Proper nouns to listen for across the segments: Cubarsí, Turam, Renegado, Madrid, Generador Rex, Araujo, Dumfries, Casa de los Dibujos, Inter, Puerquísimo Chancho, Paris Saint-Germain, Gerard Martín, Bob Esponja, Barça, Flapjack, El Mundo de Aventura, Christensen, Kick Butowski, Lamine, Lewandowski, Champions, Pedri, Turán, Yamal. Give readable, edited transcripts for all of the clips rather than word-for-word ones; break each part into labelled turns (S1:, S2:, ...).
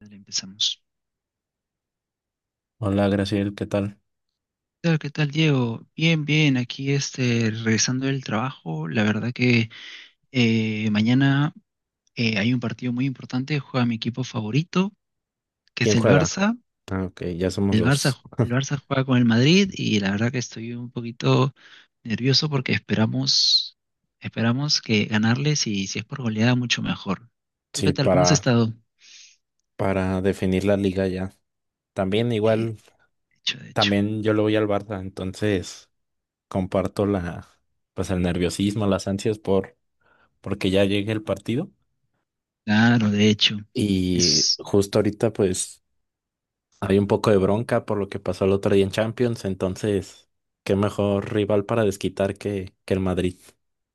S1: Dale, empezamos.
S2: Hola, Graciel, ¿qué tal?
S1: Hola, ¿qué tal, Diego? Bien, bien, aquí regresando del trabajo. La verdad que mañana hay un partido muy importante, juega mi equipo favorito, que es
S2: ¿Quién
S1: el
S2: juega?
S1: Barça.
S2: Ah, ok, ya somos
S1: El Barça,
S2: dos.
S1: el Barça juega con el Madrid y la verdad que estoy un poquito nervioso porque esperamos que ganarles y si es por goleada, mucho mejor. ¿Tú qué
S2: Sí,
S1: tal? ¿Cómo has
S2: para,
S1: estado?
S2: para definir la liga ya. También
S1: Eh,
S2: igual,
S1: De hecho, de hecho.
S2: también yo le voy al Barça, entonces comparto la, pues el nerviosismo, porque ya llegue el partido.
S1: Claro, de hecho.
S2: Y justo ahorita pues hay un poco de bronca por lo que pasó el otro día en Champions, entonces qué mejor rival para desquitar que el Madrid.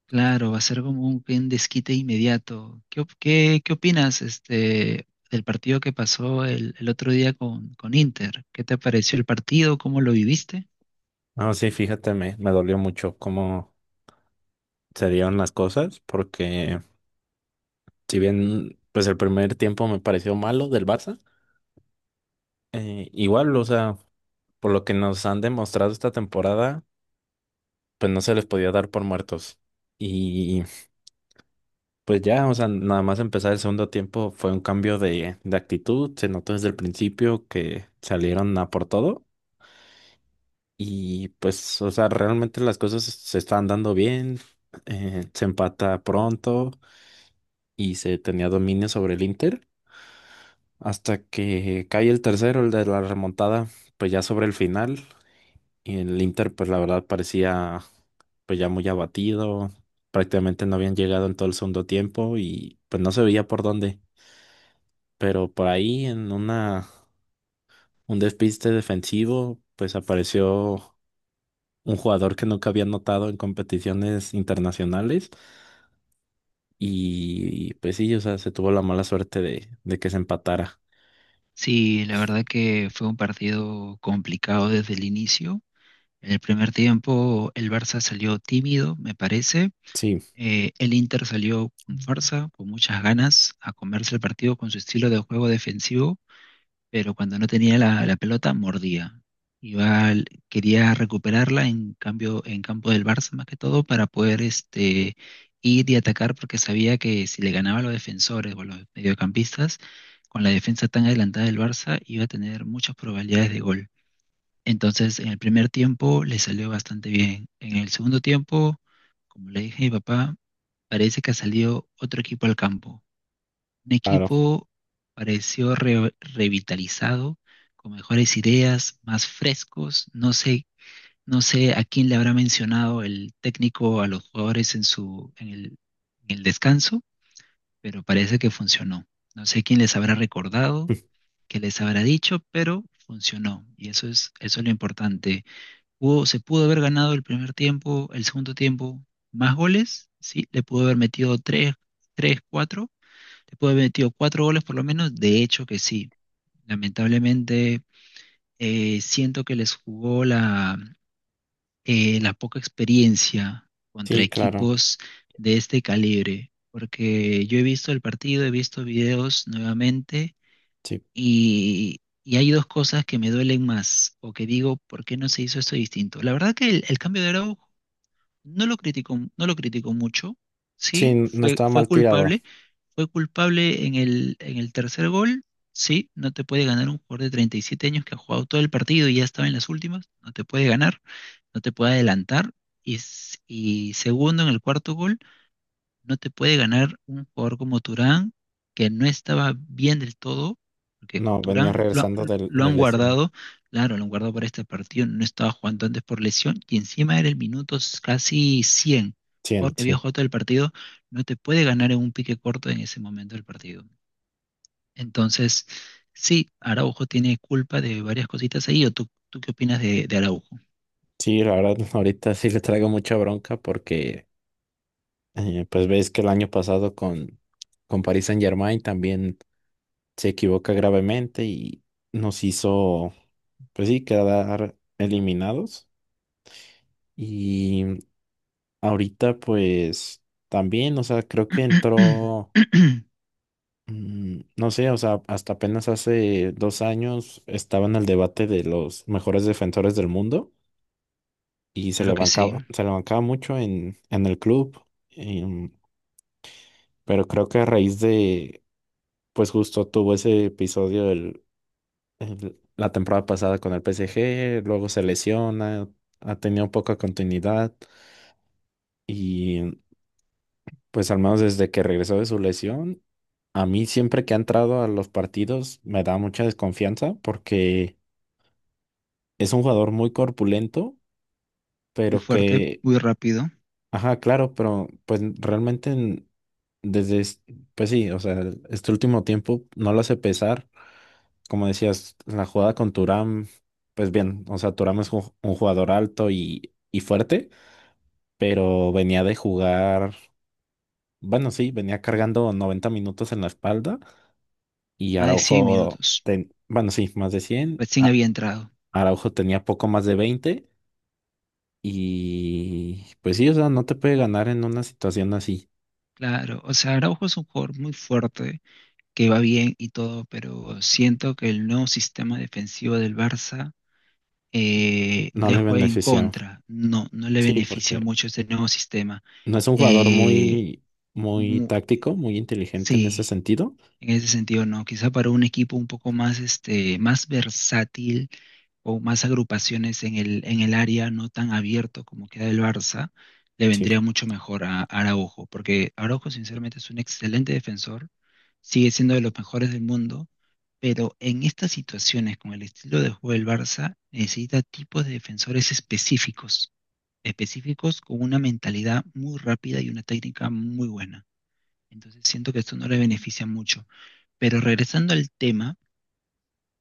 S1: Claro, va a ser como un desquite inmediato. ¿Qué opinas del partido que pasó el otro día con Inter? ¿Qué te pareció el partido? ¿Cómo lo viviste?
S2: Ah, sí, fíjate, me dolió mucho cómo se dieron las cosas porque si bien, pues el primer tiempo me pareció malo del Barça, igual, o sea, por lo que nos han demostrado esta temporada, pues no se les podía dar por muertos. Y pues ya, o sea, nada más empezar el segundo tiempo fue un cambio de actitud, se notó desde el principio que salieron a por todo y pues, o sea, realmente las cosas se están dando bien, se empata pronto y se tenía dominio sobre el Inter. Hasta que cae el tercero, el de la remontada, pues ya sobre el final. Y el Inter, pues la verdad parecía pues ya muy abatido. Prácticamente no habían llegado en todo el segundo tiempo y pues no se veía por dónde. Pero por ahí en una un despiste defensivo, pues apareció un jugador que nunca había notado en competiciones internacionales. Y pues sí, o sea, se tuvo la mala suerte de que se empatara.
S1: Sí, la verdad que fue un partido complicado desde el inicio. En el primer tiempo el Barça salió tímido, me parece.
S2: Sí,
S1: El Inter salió con fuerza, con muchas ganas, a comerse el partido con su estilo de juego defensivo, pero cuando no tenía la pelota, mordía. Quería recuperarla en cambio en campo del Barça, más que todo para poder ir y atacar, porque sabía que si le ganaba a los defensores o a los mediocampistas, con la defensa tan adelantada del Barça iba a tener muchas probabilidades de gol. Entonces, en el primer tiempo le salió bastante bien. En el segundo tiempo, como le dije a mi papá, parece que ha salido otro equipo al campo, un
S2: claro.
S1: equipo pareció re- revitalizado, con mejores ideas, más frescos. No sé a quién le habrá mencionado el técnico a los jugadores en el descanso, pero parece que funcionó. No sé quién les habrá recordado, qué les habrá dicho, pero funcionó. Y eso es lo importante. Se pudo haber ganado el primer tiempo, el segundo tiempo, más goles, sí, le pudo haber metido tres, tres, cuatro, te puede haber metido cuatro goles por lo menos, de hecho que sí. Lamentablemente siento que les jugó la poca experiencia contra
S2: Sí, claro.
S1: equipos de este calibre, porque yo he visto el partido, he visto videos nuevamente,
S2: Sí,
S1: y hay dos cosas que me duelen más o que digo, ¿por qué no se hizo esto distinto? La verdad que el cambio de Araujo no lo criticó, no lo criticó mucho. Sí,
S2: sí, no
S1: fue,
S2: estaba
S1: fue
S2: mal tirado.
S1: culpable, fue culpable en el tercer gol. Sí, no te puede ganar un jugador de 37 años que ha jugado todo el partido y ya estaba en las últimas, no te puede ganar, no te puede adelantar, y segundo en el cuarto gol, no te puede ganar un jugador como Turán, que no estaba bien del todo, porque
S2: No, venía
S1: Turán lo,
S2: regresando del-
S1: lo
S2: de,
S1: han
S2: lesión.
S1: guardado, claro, lo han guardado para este partido, no estaba jugando antes por lesión, y encima era el minuto casi 100,
S2: Sí,
S1: porque había
S2: sí.
S1: jugado todo el partido, no te puede ganar en un pique corto en ese momento del partido. Entonces, sí, Araujo tiene culpa de varias cositas ahí. ¿O tú qué opinas de Araujo?
S2: Sí, la verdad, ahorita sí le traigo mucha bronca porque, pues ves que el año pasado con Paris Saint-Germain también se equivoca gravemente y nos hizo, pues sí, quedar eliminados. Y ahorita, pues también, o sea, creo que entró, no sé, o sea, hasta apenas hace 2 años estaba en el debate de los mejores defensores del mundo. Y
S1: Claro que sí,
S2: se le bancaba mucho en el club, em, pero creo que a raíz de, pues justo tuvo ese episodio la temporada pasada con el PSG, luego se lesiona, ha tenido poca continuidad y pues al menos desde que regresó de su lesión, a mí siempre que ha entrado a los partidos me da mucha desconfianza porque es un jugador muy corpulento,
S1: muy
S2: pero
S1: fuerte,
S2: que
S1: muy rápido,
S2: ajá, claro, pero pues realmente desde, es- pues sí, o sea, este último tiempo no lo hace pesar. Como decías, la jugada con Turam, pues bien, o sea, Turam es un jugador alto y fuerte, pero venía de jugar, bueno, sí, venía cargando 90 minutos en la espalda y
S1: más de 100
S2: Araujo,
S1: minutos.
S2: bueno, sí, más de 100
S1: Recién había entrado.
S2: Araujo tenía poco más de 20 y pues sí, o sea, no te puede ganar en una situación así,
S1: Claro, o sea, Araujo es un jugador muy fuerte, que va bien y todo, pero siento que el nuevo sistema defensivo del Barça
S2: no
S1: le
S2: le
S1: juega en
S2: benefició.
S1: contra. No, no le
S2: Sí,
S1: beneficia
S2: porque
S1: mucho este nuevo sistema.
S2: no es un jugador
S1: Eh,
S2: muy, muy
S1: mu-
S2: táctico, muy inteligente en ese
S1: sí,
S2: sentido.
S1: en ese sentido no. Quizá para un equipo un poco más, más versátil, o más agrupaciones en el área, no tan abierto como queda el Barça, le
S2: Sí,
S1: vendría mucho mejor a Araujo, porque Araujo sinceramente es un excelente defensor, sigue siendo de los mejores del mundo, pero en estas situaciones con el estilo de juego del Barça necesita tipos de defensores específicos, específicos con una mentalidad muy rápida y una técnica muy buena. Entonces, siento que esto no le beneficia mucho. Pero regresando al tema,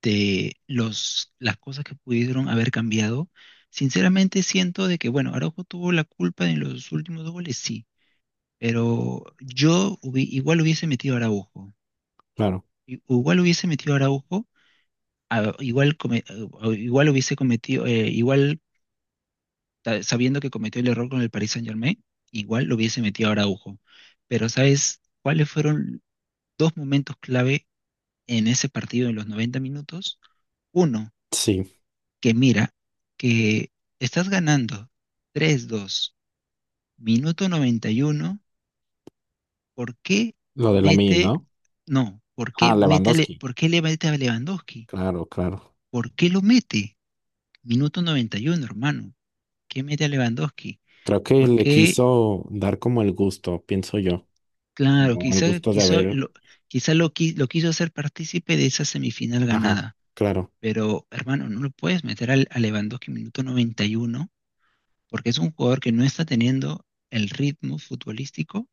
S1: de las cosas que pudieron haber cambiado. Sinceramente siento de que, bueno, Araujo tuvo la culpa en los últimos dos goles, sí, pero igual hubiese metido a Araujo.
S2: claro.
S1: Igual hubiese metido a Araujo. a- igual, come- Igual hubiese cometido, sabiendo que cometió el error con el Paris Saint-Germain, igual lo hubiese metido a Araujo. Pero ¿sabes cuáles fueron dos momentos clave en ese partido en los 90 minutos? Uno,
S2: Sí,
S1: que mira que estás ganando 3-2, minuto 91, ¿por qué
S2: lo de Lamine,
S1: mete,
S2: ¿no?
S1: no, por qué
S2: Ah,
S1: mete,
S2: Lewandowski.
S1: por qué le mete a Lewandowski?
S2: Claro, claro.
S1: ¿Por qué lo mete? Minuto 91, hermano. ¿Qué mete a Lewandowski?
S2: Creo que
S1: ¿Por
S2: le
S1: qué?
S2: quiso dar como el gusto, pienso yo.
S1: Claro,
S2: Como el
S1: quizá,
S2: gusto de
S1: quiso
S2: haber.
S1: lo, quizá lo, qui- lo quiso hacer partícipe de esa semifinal
S2: Ajá,
S1: ganada,
S2: claro.
S1: pero hermano, no lo puedes meter a Lewandowski minuto 91, porque es un jugador que no está teniendo el ritmo futbolístico.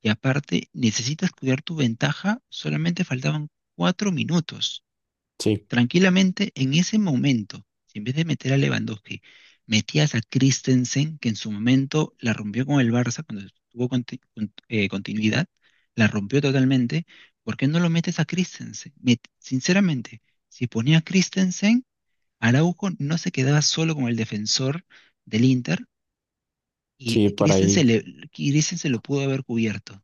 S1: Y aparte, necesitas cuidar tu ventaja. Solamente faltaban 4 minutos.
S2: Sí,
S1: Tranquilamente, en ese momento, si en vez de meter a Lewandowski, metías a Christensen, que en su momento la rompió con el Barça cuando tuvo continuidad, la rompió totalmente. ¿Por qué no lo metes a Christensen? Sinceramente, si ponía a Christensen, Araujo no se quedaba solo con el defensor del Inter, y
S2: sí, por
S1: Christensen,
S2: ahí.
S1: le- Christensen lo pudo haber cubierto.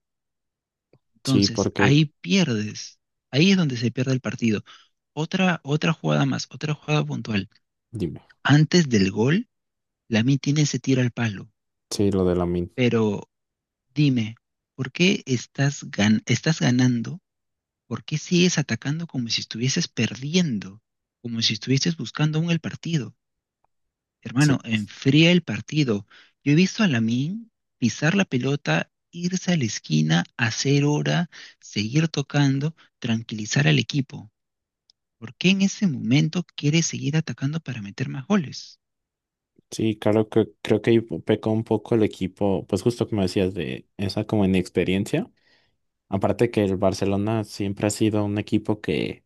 S2: Sí,
S1: Entonces,
S2: porque.
S1: ahí pierdes. Ahí es donde se pierde el partido. Otra jugada más, otra jugada puntual.
S2: Dime.
S1: Antes del gol, Lamine tiene ese tiro al palo.
S2: Sí, lo de Lamine.
S1: Pero dime, ¿por qué estás ganando? ¿Por qué sigues atacando como si estuvieses perdiendo? Como si estuvieses buscando aún el partido.
S2: Sí,
S1: Hermano, enfría el partido. Yo he visto a Lamine pisar la pelota, irse a la esquina, hacer hora, seguir tocando, tranquilizar al equipo. ¿Por qué en ese momento quiere seguir atacando para meter más goles?
S2: sí, claro que creo que ahí pecó un poco el equipo, pues justo como decías, de esa como inexperiencia. Aparte que el Barcelona siempre ha sido un equipo que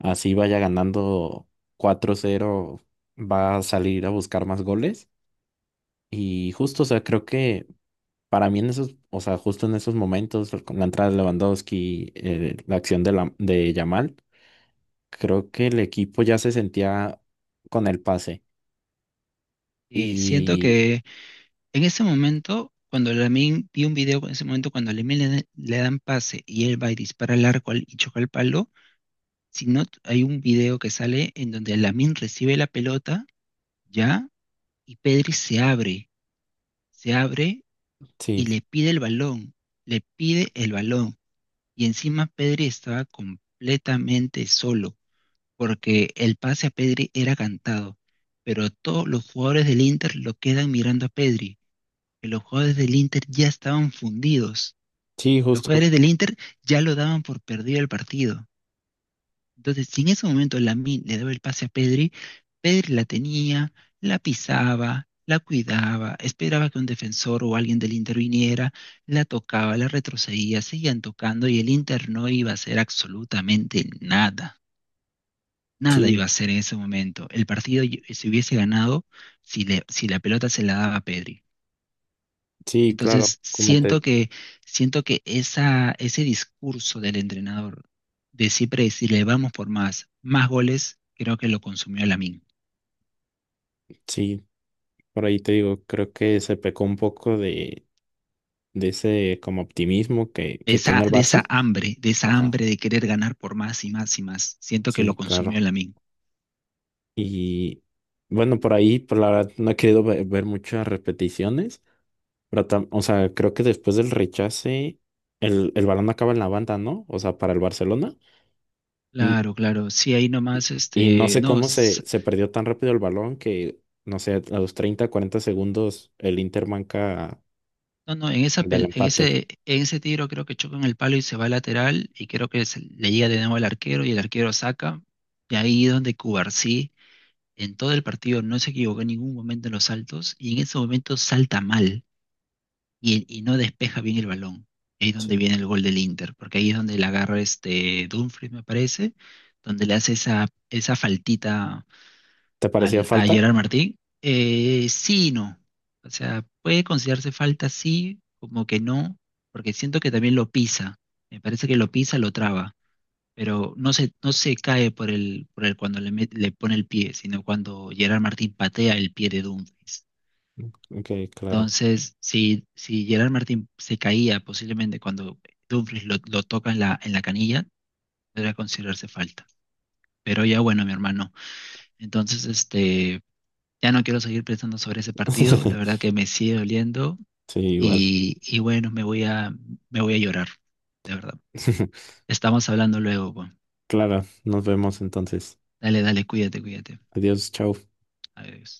S2: así vaya ganando 4-0 va a salir a buscar más goles. Y justo, o sea, creo que para mí en esos, o sea, justo en esos momentos, con la entrada de Lewandowski, la acción de, de Yamal, creo que el equipo ya se sentía con el pase.
S1: Y siento
S2: Y
S1: que en ese momento, cuando Lamine, vi un video en ese momento cuando a Lamine le dan pase y él va y dispara al arco, y choca el palo. Si no, hay un video que sale en donde Lamine recibe la pelota, ya, y Pedri se abre y
S2: sí,
S1: le pide el balón, le pide el balón, y encima Pedri estaba completamente solo, porque el pase a Pedri era cantado, pero todos los jugadores del Inter lo quedan mirando a Pedri, que los jugadores del Inter ya estaban fundidos,
S2: sí,
S1: los
S2: justo,
S1: jugadores del Inter ya lo daban por perdido el partido. Entonces, si en ese momento Lamine le daba el pase a Pedri, Pedri la tenía, la pisaba, la cuidaba, esperaba que un defensor o alguien del Inter viniera, la tocaba, la retrocedía, seguían tocando y el Inter no iba a hacer absolutamente nada. Nada iba
S2: sí,
S1: a hacer en ese momento. El partido se hubiese ganado si la pelota se la daba a Pedri.
S2: sí, claro,
S1: Entonces,
S2: como te,
S1: siento que ese discurso del entrenador de siempre decirle vamos por más, más goles, creo que lo consumió Lamine.
S2: sí, por ahí te digo, creo que se pecó un poco de ese como optimismo que tiene el
S1: De esa
S2: Barça.
S1: hambre, de esa
S2: Ajá,
S1: hambre de querer ganar por más y más y más. Siento que lo
S2: sí,
S1: consumió
S2: claro.
S1: Lamine.
S2: Y bueno, por ahí, por la verdad, no he querido ver muchas repeticiones, pero o sea, creo que después del rechace, el balón acaba en la banda, ¿no? O sea, para el Barcelona. N-
S1: Claro, claro. Sí, ahí nomás,
S2: Y no sé
S1: no,
S2: cómo se perdió tan rápido el balón que, no sé, a los 30 40 segundos el Inter manca
S1: no, no, en esa
S2: el del
S1: pel-
S2: empate.
S1: en ese tiro creo que choca en el palo y se va lateral, y creo que le llega de nuevo al arquero y el arquero saca. Y ahí es donde Cubarsí, en todo el partido no se equivocó en ningún momento en los saltos, y en ese momento salta mal y no despeja bien el balón. Ahí es donde viene el gol del Inter, porque ahí es donde la agarra este Dumfries, me parece, donde le hace esa faltita
S2: ¿Te parecía
S1: a
S2: falta?
S1: Gerard Martín. Sí y no. O sea, puede considerarse falta, sí, como que no, porque siento que también lo pisa. Me parece que lo pisa, lo traba, pero no se cae por el, cuando le pone el pie, sino cuando Gerard Martín patea el pie de Dumfries.
S2: Ok, claro.
S1: Entonces, si Gerard Martín se caía posiblemente cuando Dumfries lo toca en la canilla, debería considerarse falta. Pero ya bueno, mi hermano. Entonces, ya no quiero seguir pensando sobre ese partido, la verdad que me sigue doliendo,
S2: Sí, igual.
S1: y bueno, me voy a llorar, de verdad. Estamos hablando luego, pues.
S2: Clara, nos vemos entonces.
S1: Dale, dale, cuídate, cuídate.
S2: Adiós, chao.
S1: Adiós.